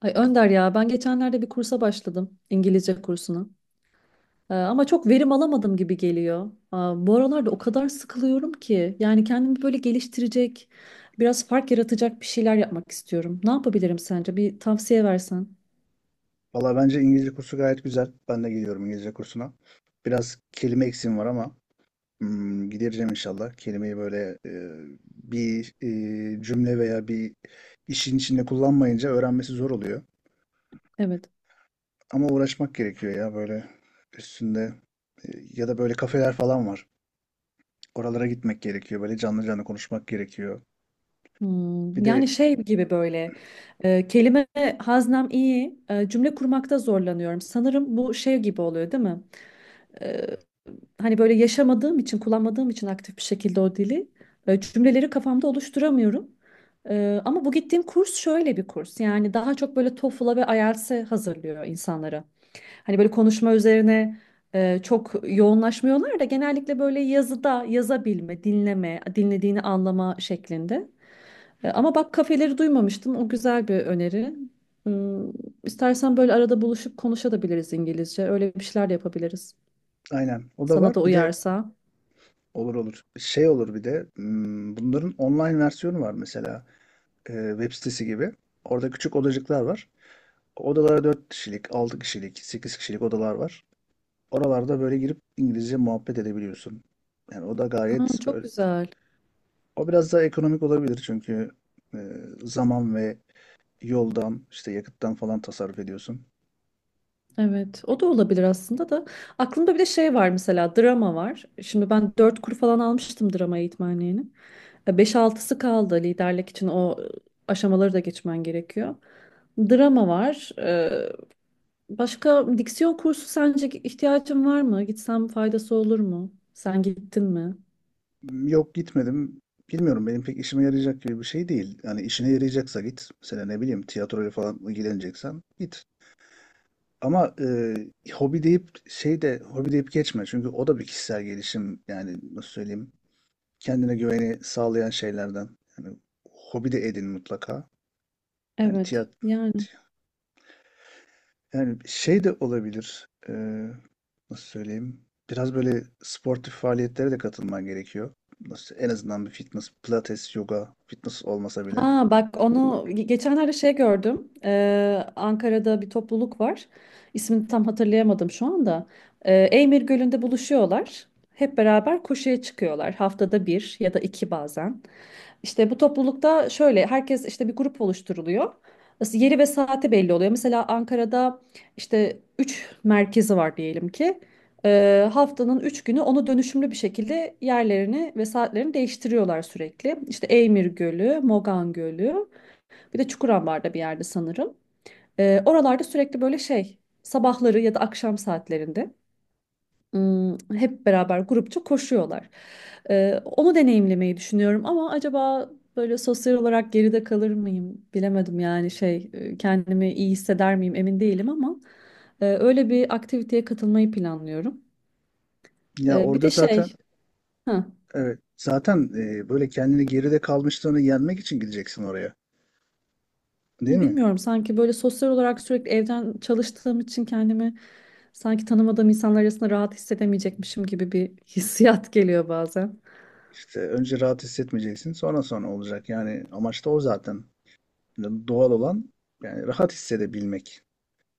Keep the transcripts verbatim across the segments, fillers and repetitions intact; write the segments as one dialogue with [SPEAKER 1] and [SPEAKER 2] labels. [SPEAKER 1] Ay Önder ya, ben geçenlerde bir kursa başladım, İngilizce kursuna. Ee, ama çok verim alamadım gibi geliyor. Aa, bu aralarda o kadar sıkılıyorum ki, yani kendimi böyle geliştirecek, biraz fark yaratacak bir şeyler yapmak istiyorum. Ne yapabilirim sence? Bir tavsiye versen.
[SPEAKER 2] Valla bence İngilizce kursu gayet güzel. Ben de gidiyorum İngilizce kursuna. Biraz kelime eksiğim var ama hmm, gidereceğim inşallah. Kelimeyi böyle e, bir e, cümle veya bir işin içinde kullanmayınca öğrenmesi zor oluyor.
[SPEAKER 1] Evet.
[SPEAKER 2] Ama uğraşmak gerekiyor ya, böyle üstünde, e, ya da böyle kafeler falan var. Oralara gitmek gerekiyor. Böyle canlı canlı konuşmak gerekiyor. Bir
[SPEAKER 1] Hmm. Yani
[SPEAKER 2] de.
[SPEAKER 1] şey gibi böyle, e, kelime haznem iyi, e, cümle kurmakta zorlanıyorum. Sanırım bu şey gibi oluyor, değil mi? E, Hani böyle yaşamadığım için, kullanmadığım için aktif bir şekilde o dili, e, cümleleri kafamda oluşturamıyorum. E, ama bu gittiğim kurs şöyle bir kurs. Yani daha çok böyle tofıla ve I E L T S'e hazırlıyor insanları. Hani böyle konuşma üzerine e, çok yoğunlaşmıyorlar da, genellikle böyle yazıda yazabilme, dinleme, dinlediğini anlama şeklinde. E, ama bak, kafeleri duymamıştım. O güzel bir öneri. Hmm. İstersen böyle arada buluşup konuşabiliriz İngilizce. Öyle bir şeyler de yapabiliriz.
[SPEAKER 2] Aynen. O da
[SPEAKER 1] Sana da
[SPEAKER 2] var. Bir de.
[SPEAKER 1] uyarsa.
[SPEAKER 2] Olur olur. Şey olur bir de hmm, bunların online versiyonu var mesela. E, web sitesi gibi. Orada küçük odacıklar var. Odalara dört kişilik, altı kişilik, sekiz kişilik odalar var. Oralarda böyle girip İngilizce muhabbet edebiliyorsun. Yani o da
[SPEAKER 1] Ha,
[SPEAKER 2] gayet
[SPEAKER 1] çok
[SPEAKER 2] böyle.
[SPEAKER 1] güzel.
[SPEAKER 2] O biraz daha ekonomik olabilir çünkü e, zaman ve yoldan, işte yakıttan falan tasarruf ediyorsun.
[SPEAKER 1] Evet, o da olabilir aslında da. Aklımda bir de şey var, mesela drama var. Şimdi ben dört kur falan almıştım drama eğitmenliğini. E, Beş altısı kaldı liderlik için, o e, aşamaları da geçmen gerekiyor. Drama var. E, Başka diksiyon kursu, sence ihtiyacın var mı? Gitsem faydası olur mu? Sen gittin mi?
[SPEAKER 2] Yok, gitmedim. Bilmiyorum, benim pek işime yarayacak gibi bir şey değil. Yani işine yarayacaksa git. Mesela ne bileyim tiyatroyla falan ilgileneceksen git. Ama e, hobi deyip, şey de hobi deyip geçme. Çünkü o da bir kişisel gelişim, yani nasıl söyleyeyim. Kendine güveni sağlayan şeylerden. Yani hobi de edin mutlaka. Yani
[SPEAKER 1] Evet.
[SPEAKER 2] tiyat
[SPEAKER 1] Yani,
[SPEAKER 2] Yani şey de olabilir. Eee, nasıl söyleyeyim? Biraz böyle sportif faaliyetlere de katılman gerekiyor. Nasıl, en azından bir fitness, pilates, yoga, fitness olmasa bile.
[SPEAKER 1] ha bak onu ge- geçenlerde şey gördüm. Ee, Ankara'da bir topluluk var. İsmini tam hatırlayamadım şu anda. Ee, Eymir Gölü'nde buluşuyorlar. Hep beraber koşuya çıkıyorlar. Haftada bir ya da iki bazen. İşte bu toplulukta şöyle, herkes işte bir grup oluşturuluyor. As- Yeri ve saati belli oluyor. Mesela Ankara'da işte üç merkezi var diyelim ki. Ee, haftanın üç günü onu dönüşümlü bir şekilde yerlerini ve saatlerini değiştiriyorlar sürekli. İşte Eymir Gölü, Mogan Gölü, bir de Çukurambar'da bir yerde sanırım. Ee, oralarda sürekli böyle şey, sabahları ya da akşam saatlerinde ım, hep beraber grupça koşuyorlar. Ee, onu deneyimlemeyi düşünüyorum ama acaba böyle sosyal olarak geride kalır mıyım, bilemedim. Yani şey, e, kendimi iyi hisseder miyim emin değilim ama e, öyle bir aktiviteye katılmayı planlıyorum.
[SPEAKER 2] Ya,
[SPEAKER 1] Ee, bir
[SPEAKER 2] orada
[SPEAKER 1] de şey
[SPEAKER 2] zaten,
[SPEAKER 1] ha,
[SPEAKER 2] evet, zaten eee, böyle kendini, geride kalmışlığını yenmek için gideceksin oraya. Değil mi?
[SPEAKER 1] bilmiyorum, sanki böyle sosyal olarak sürekli evden çalıştığım için kendimi sanki tanımadığım insanlar arasında rahat hissedemeyecekmişim gibi bir hissiyat geliyor bazen.
[SPEAKER 2] İşte önce rahat hissetmeyeceksin, sonra sonra olacak. Yani amaç da o zaten. Yani doğal olan, yani rahat hissedebilmek,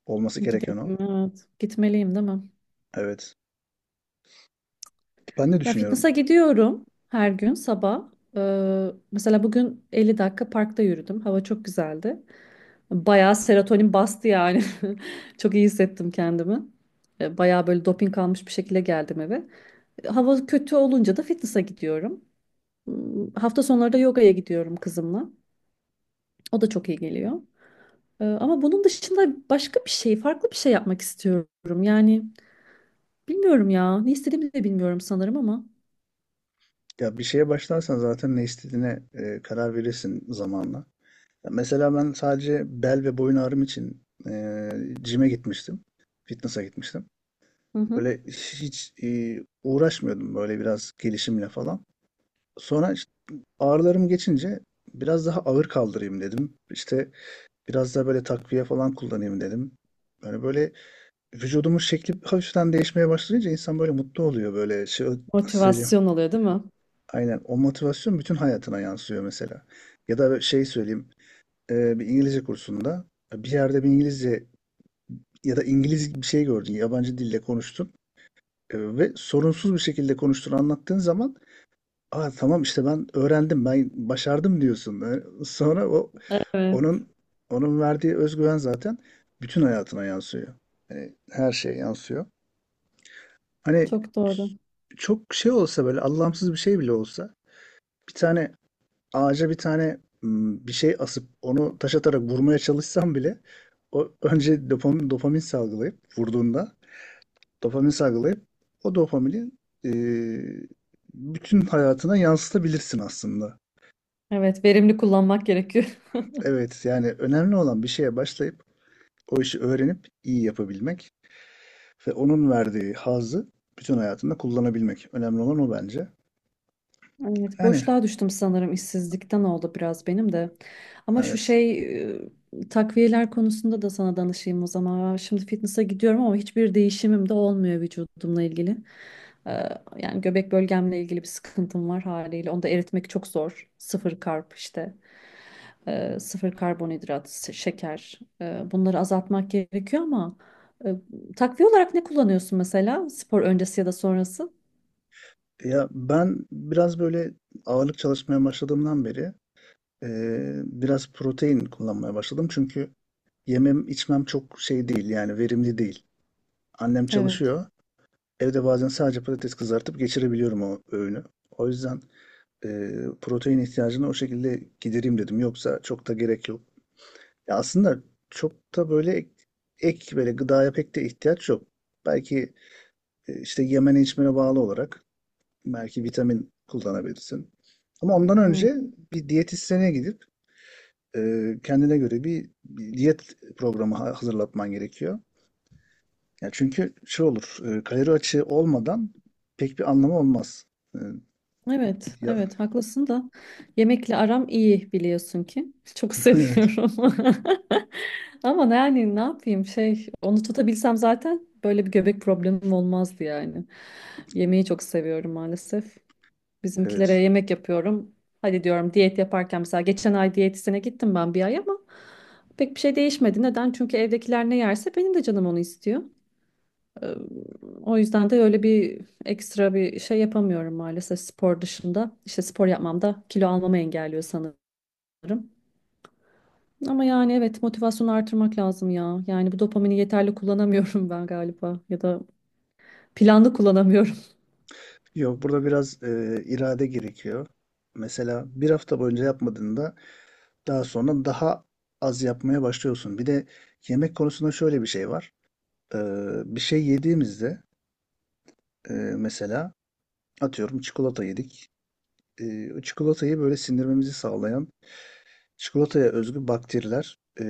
[SPEAKER 2] olması gereken o.
[SPEAKER 1] Gidelim, evet. Gitmeliyim değil mi?
[SPEAKER 2] Evet. Ben de
[SPEAKER 1] Ya
[SPEAKER 2] düşünüyorum.
[SPEAKER 1] fitness'a gidiyorum her gün sabah. Ee, mesela bugün elli dakika parkta yürüdüm. Hava çok güzeldi. Bayağı serotonin bastı yani. Çok iyi hissettim kendimi. Ee, Bayağı böyle doping almış bir şekilde geldim eve. Hava kötü olunca da fitness'a gidiyorum. Hmm. Hafta sonları da yogaya gidiyorum kızımla. O da çok iyi geliyor. Ee, Ama bunun dışında başka bir şey, farklı bir şey yapmak istiyorum. Yani bilmiyorum ya. Ne istediğimi de bilmiyorum sanırım ama.
[SPEAKER 2] Ya bir şeye başlarsan zaten ne istediğine e, karar verirsin zamanla. Ya mesela ben sadece bel ve boyun ağrım için e, gym'e gitmiştim. Fitness'a gitmiştim.
[SPEAKER 1] Hı hı.
[SPEAKER 2] Böyle hiç e, uğraşmıyordum, böyle biraz gelişimle falan. Sonra işte ağrılarım geçince biraz daha ağır kaldırayım dedim. İşte biraz daha böyle takviye falan kullanayım dedim. Yani böyle vücudumun şekli hafiften değişmeye başlayınca insan böyle mutlu oluyor, böyle şey, nasıl söyleyeyim.
[SPEAKER 1] Motivasyon oluyor, değil mi?
[SPEAKER 2] Aynen. O motivasyon bütün hayatına yansıyor mesela. Ya da şey söyleyeyim. e, bir İngilizce kursunda, e, bir yerde bir İngilizce ya da İngiliz bir şey gördün. Yabancı dille konuştun. e, ve sorunsuz bir şekilde konuştuğunu anlattığın zaman, aa, tamam işte, ben öğrendim, ben başardım diyorsun. E, Sonra o,
[SPEAKER 1] Evet,
[SPEAKER 2] onun onun verdiği özgüven zaten bütün hayatına yansıyor. Yani her şeye yansıyor. Hani
[SPEAKER 1] çok doğru.
[SPEAKER 2] çok şey olsa, böyle anlamsız bir şey bile olsa, bir tane ağaca bir tane m, bir şey asıp onu taş atarak vurmaya çalışsam bile, o önce dopamin, dopamin salgılayıp, vurduğunda dopamin salgılayıp, o dopamini e, bütün hayatına yansıtabilirsin aslında.
[SPEAKER 1] Evet, verimli kullanmak gerekiyor.
[SPEAKER 2] Evet, yani önemli olan bir şeye başlayıp o işi öğrenip iyi yapabilmek ve onun verdiği hazzı bütün hayatında kullanabilmek. Önemli olan o bence.
[SPEAKER 1] Evet,
[SPEAKER 2] Yani
[SPEAKER 1] boşluğa düştüm sanırım, işsizlikten oldu biraz benim de. Ama şu
[SPEAKER 2] evet.
[SPEAKER 1] şey, e, takviyeler konusunda da sana danışayım o zaman. Şimdi fitness'a gidiyorum ama hiçbir değişimim de olmuyor vücudumla ilgili. Ee, Yani göbek bölgemle ilgili bir sıkıntım var haliyle. Onu da eritmek çok zor. Sıfır karp işte. Ee, sıfır karbonhidrat, s- şeker. Ee, bunları azaltmak gerekiyor ama e, takviye olarak ne kullanıyorsun mesela, spor öncesi ya da sonrası?
[SPEAKER 2] Ya ben biraz böyle ağırlık çalışmaya başladığımdan beri, Ee, biraz protein kullanmaya başladım, çünkü yemem içmem çok şey değil, yani verimli değil. Annem
[SPEAKER 1] Evet.
[SPEAKER 2] çalışıyor. Evde bazen sadece patates kızartıp geçirebiliyorum o öğünü. O yüzden e, protein ihtiyacını o şekilde gidereyim dedim. Yoksa çok da gerek yok. Ya aslında çok da böyle ek, ek böyle gıdaya pek de ihtiyaç yok. Belki e, işte yemene içmene bağlı olarak belki vitamin kullanabilirsin. Ama ondan
[SPEAKER 1] Hmm.
[SPEAKER 2] önce bir diyetisyene gidip e, kendine göre bir diyet programı ha- hazırlatman gerekiyor. Ya, çünkü şey olur, e, kalori açığı olmadan pek bir anlamı olmaz. E,
[SPEAKER 1] Evet,
[SPEAKER 2] Ya,
[SPEAKER 1] evet haklısın da, yemekle aram iyi biliyorsun ki. Çok
[SPEAKER 2] evet,
[SPEAKER 1] seviyorum. Ama ne- yani ne yapayım, şey, onu tutabilsem zaten böyle bir göbek problemim olmazdı yani. Yemeği çok seviyorum maalesef. Bizimkilere
[SPEAKER 2] evet.
[SPEAKER 1] yemek yapıyorum. Hadi diyorum diyet yaparken, mesela geçen ay diyetisyene gittim ben bir ay ama pek bir şey değişmedi. Neden? Çünkü evdekiler ne yerse benim de canım onu istiyor. Ee, O yüzden de öyle bir ekstra bir şey yapamıyorum maalesef spor dışında. İşte spor yapmam da kilo almamı engelliyor sanırım. Ama yani evet, motivasyonu artırmak lazım ya. Yani bu dopamini yeterli kullanamıyorum ben galiba, ya da planlı kullanamıyorum.
[SPEAKER 2] Yok, burada biraz e, irade gerekiyor. Mesela bir hafta boyunca yapmadığında, daha sonra daha az yapmaya başlıyorsun. Bir de yemek konusunda şöyle bir şey var. E, bir şey yediğimizde, e, mesela, atıyorum, çikolata yedik. E, o çikolatayı böyle sindirmemizi sağlayan çikolataya özgü bakteriler e,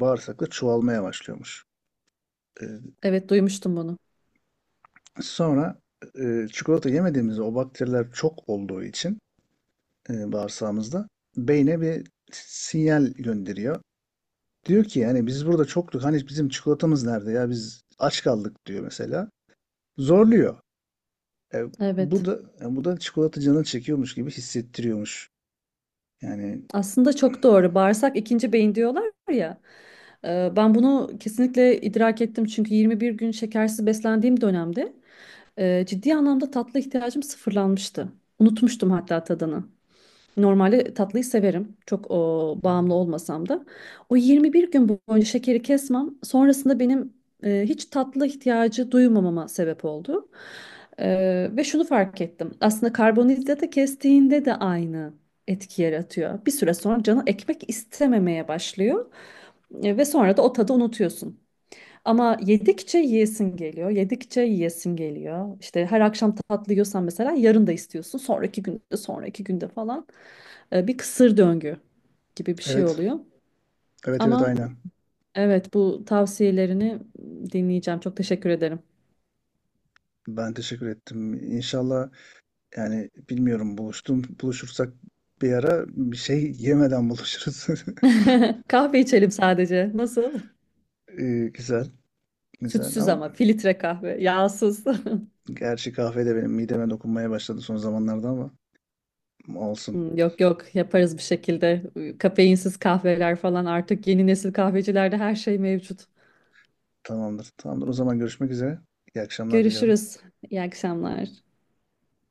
[SPEAKER 2] bağırsakta çoğalmaya başlıyormuş. E,
[SPEAKER 1] Evet, duymuştum bunu.
[SPEAKER 2] sonra e, çikolata yemediğimizde, o bakteriler çok olduğu için e, bağırsağımızda beyne bir sinyal gönderiyor. Diyor ki, yani biz burada çoktuk, hani bizim çikolatamız nerede ya, biz aç kaldık, diyor mesela. Zorluyor. E, bu
[SPEAKER 1] Evet.
[SPEAKER 2] da e, bu da çikolata canını çekiyormuş gibi hissettiriyormuş. Yani,
[SPEAKER 1] Aslında çok doğru. Bağırsak ikinci beyin diyorlar ya. Ee, Ben bunu kesinlikle idrak ettim. Çünkü yirmi bir gün şekersiz beslendiğim dönemde e, ciddi anlamda tatlı ihtiyacım sıfırlanmıştı. Unutmuştum hatta tadını. Normalde tatlıyı severim. Çok o, bağımlı olmasam da. O yirmi bir gün boyunca şekeri kesmem sonrasında benim e, hiç tatlı ihtiyacı duymamama sebep oldu. E, Ve şunu fark ettim. Aslında karbonhidratı kestiğinde de aynı etki yaratıyor. Bir süre sonra canı ekmek istememeye başlıyor. E, ve sonra da o tadı unutuyorsun. Ama yedikçe yiyesin geliyor, yedikçe yiyesin geliyor. İşte her akşam tatlı yiyorsan, mesela yarın da istiyorsun. Sonraki günde, sonraki günde falan. Ee, bir kısır döngü gibi bir şey
[SPEAKER 2] evet,
[SPEAKER 1] oluyor.
[SPEAKER 2] evet, evet,
[SPEAKER 1] Ama
[SPEAKER 2] aynen.
[SPEAKER 1] evet, bu tavsiyelerini dinleyeceğim. Çok teşekkür ederim.
[SPEAKER 2] Ben teşekkür ettim. İnşallah, yani bilmiyorum, buluştum buluşursak bir ara bir şey yemeden buluşuruz.
[SPEAKER 1] Kahve içelim sadece. Nasıl?
[SPEAKER 2] Ee, güzel, güzel
[SPEAKER 1] Sütsüz
[SPEAKER 2] ama
[SPEAKER 1] ama filtre kahve, yağsız.
[SPEAKER 2] gerçi kahve de benim mideme dokunmaya başladı son zamanlarda, ama olsun.
[SPEAKER 1] Hmm. Yok yok, yaparız bir şekilde. Kafeinsiz kahveler falan, artık yeni nesil kahvecilerde her şey mevcut.
[SPEAKER 2] Tamamdır. Tamamdır. O zaman görüşmek üzere. İyi akşamlar diliyorum.
[SPEAKER 1] Görüşürüz. İyi akşamlar.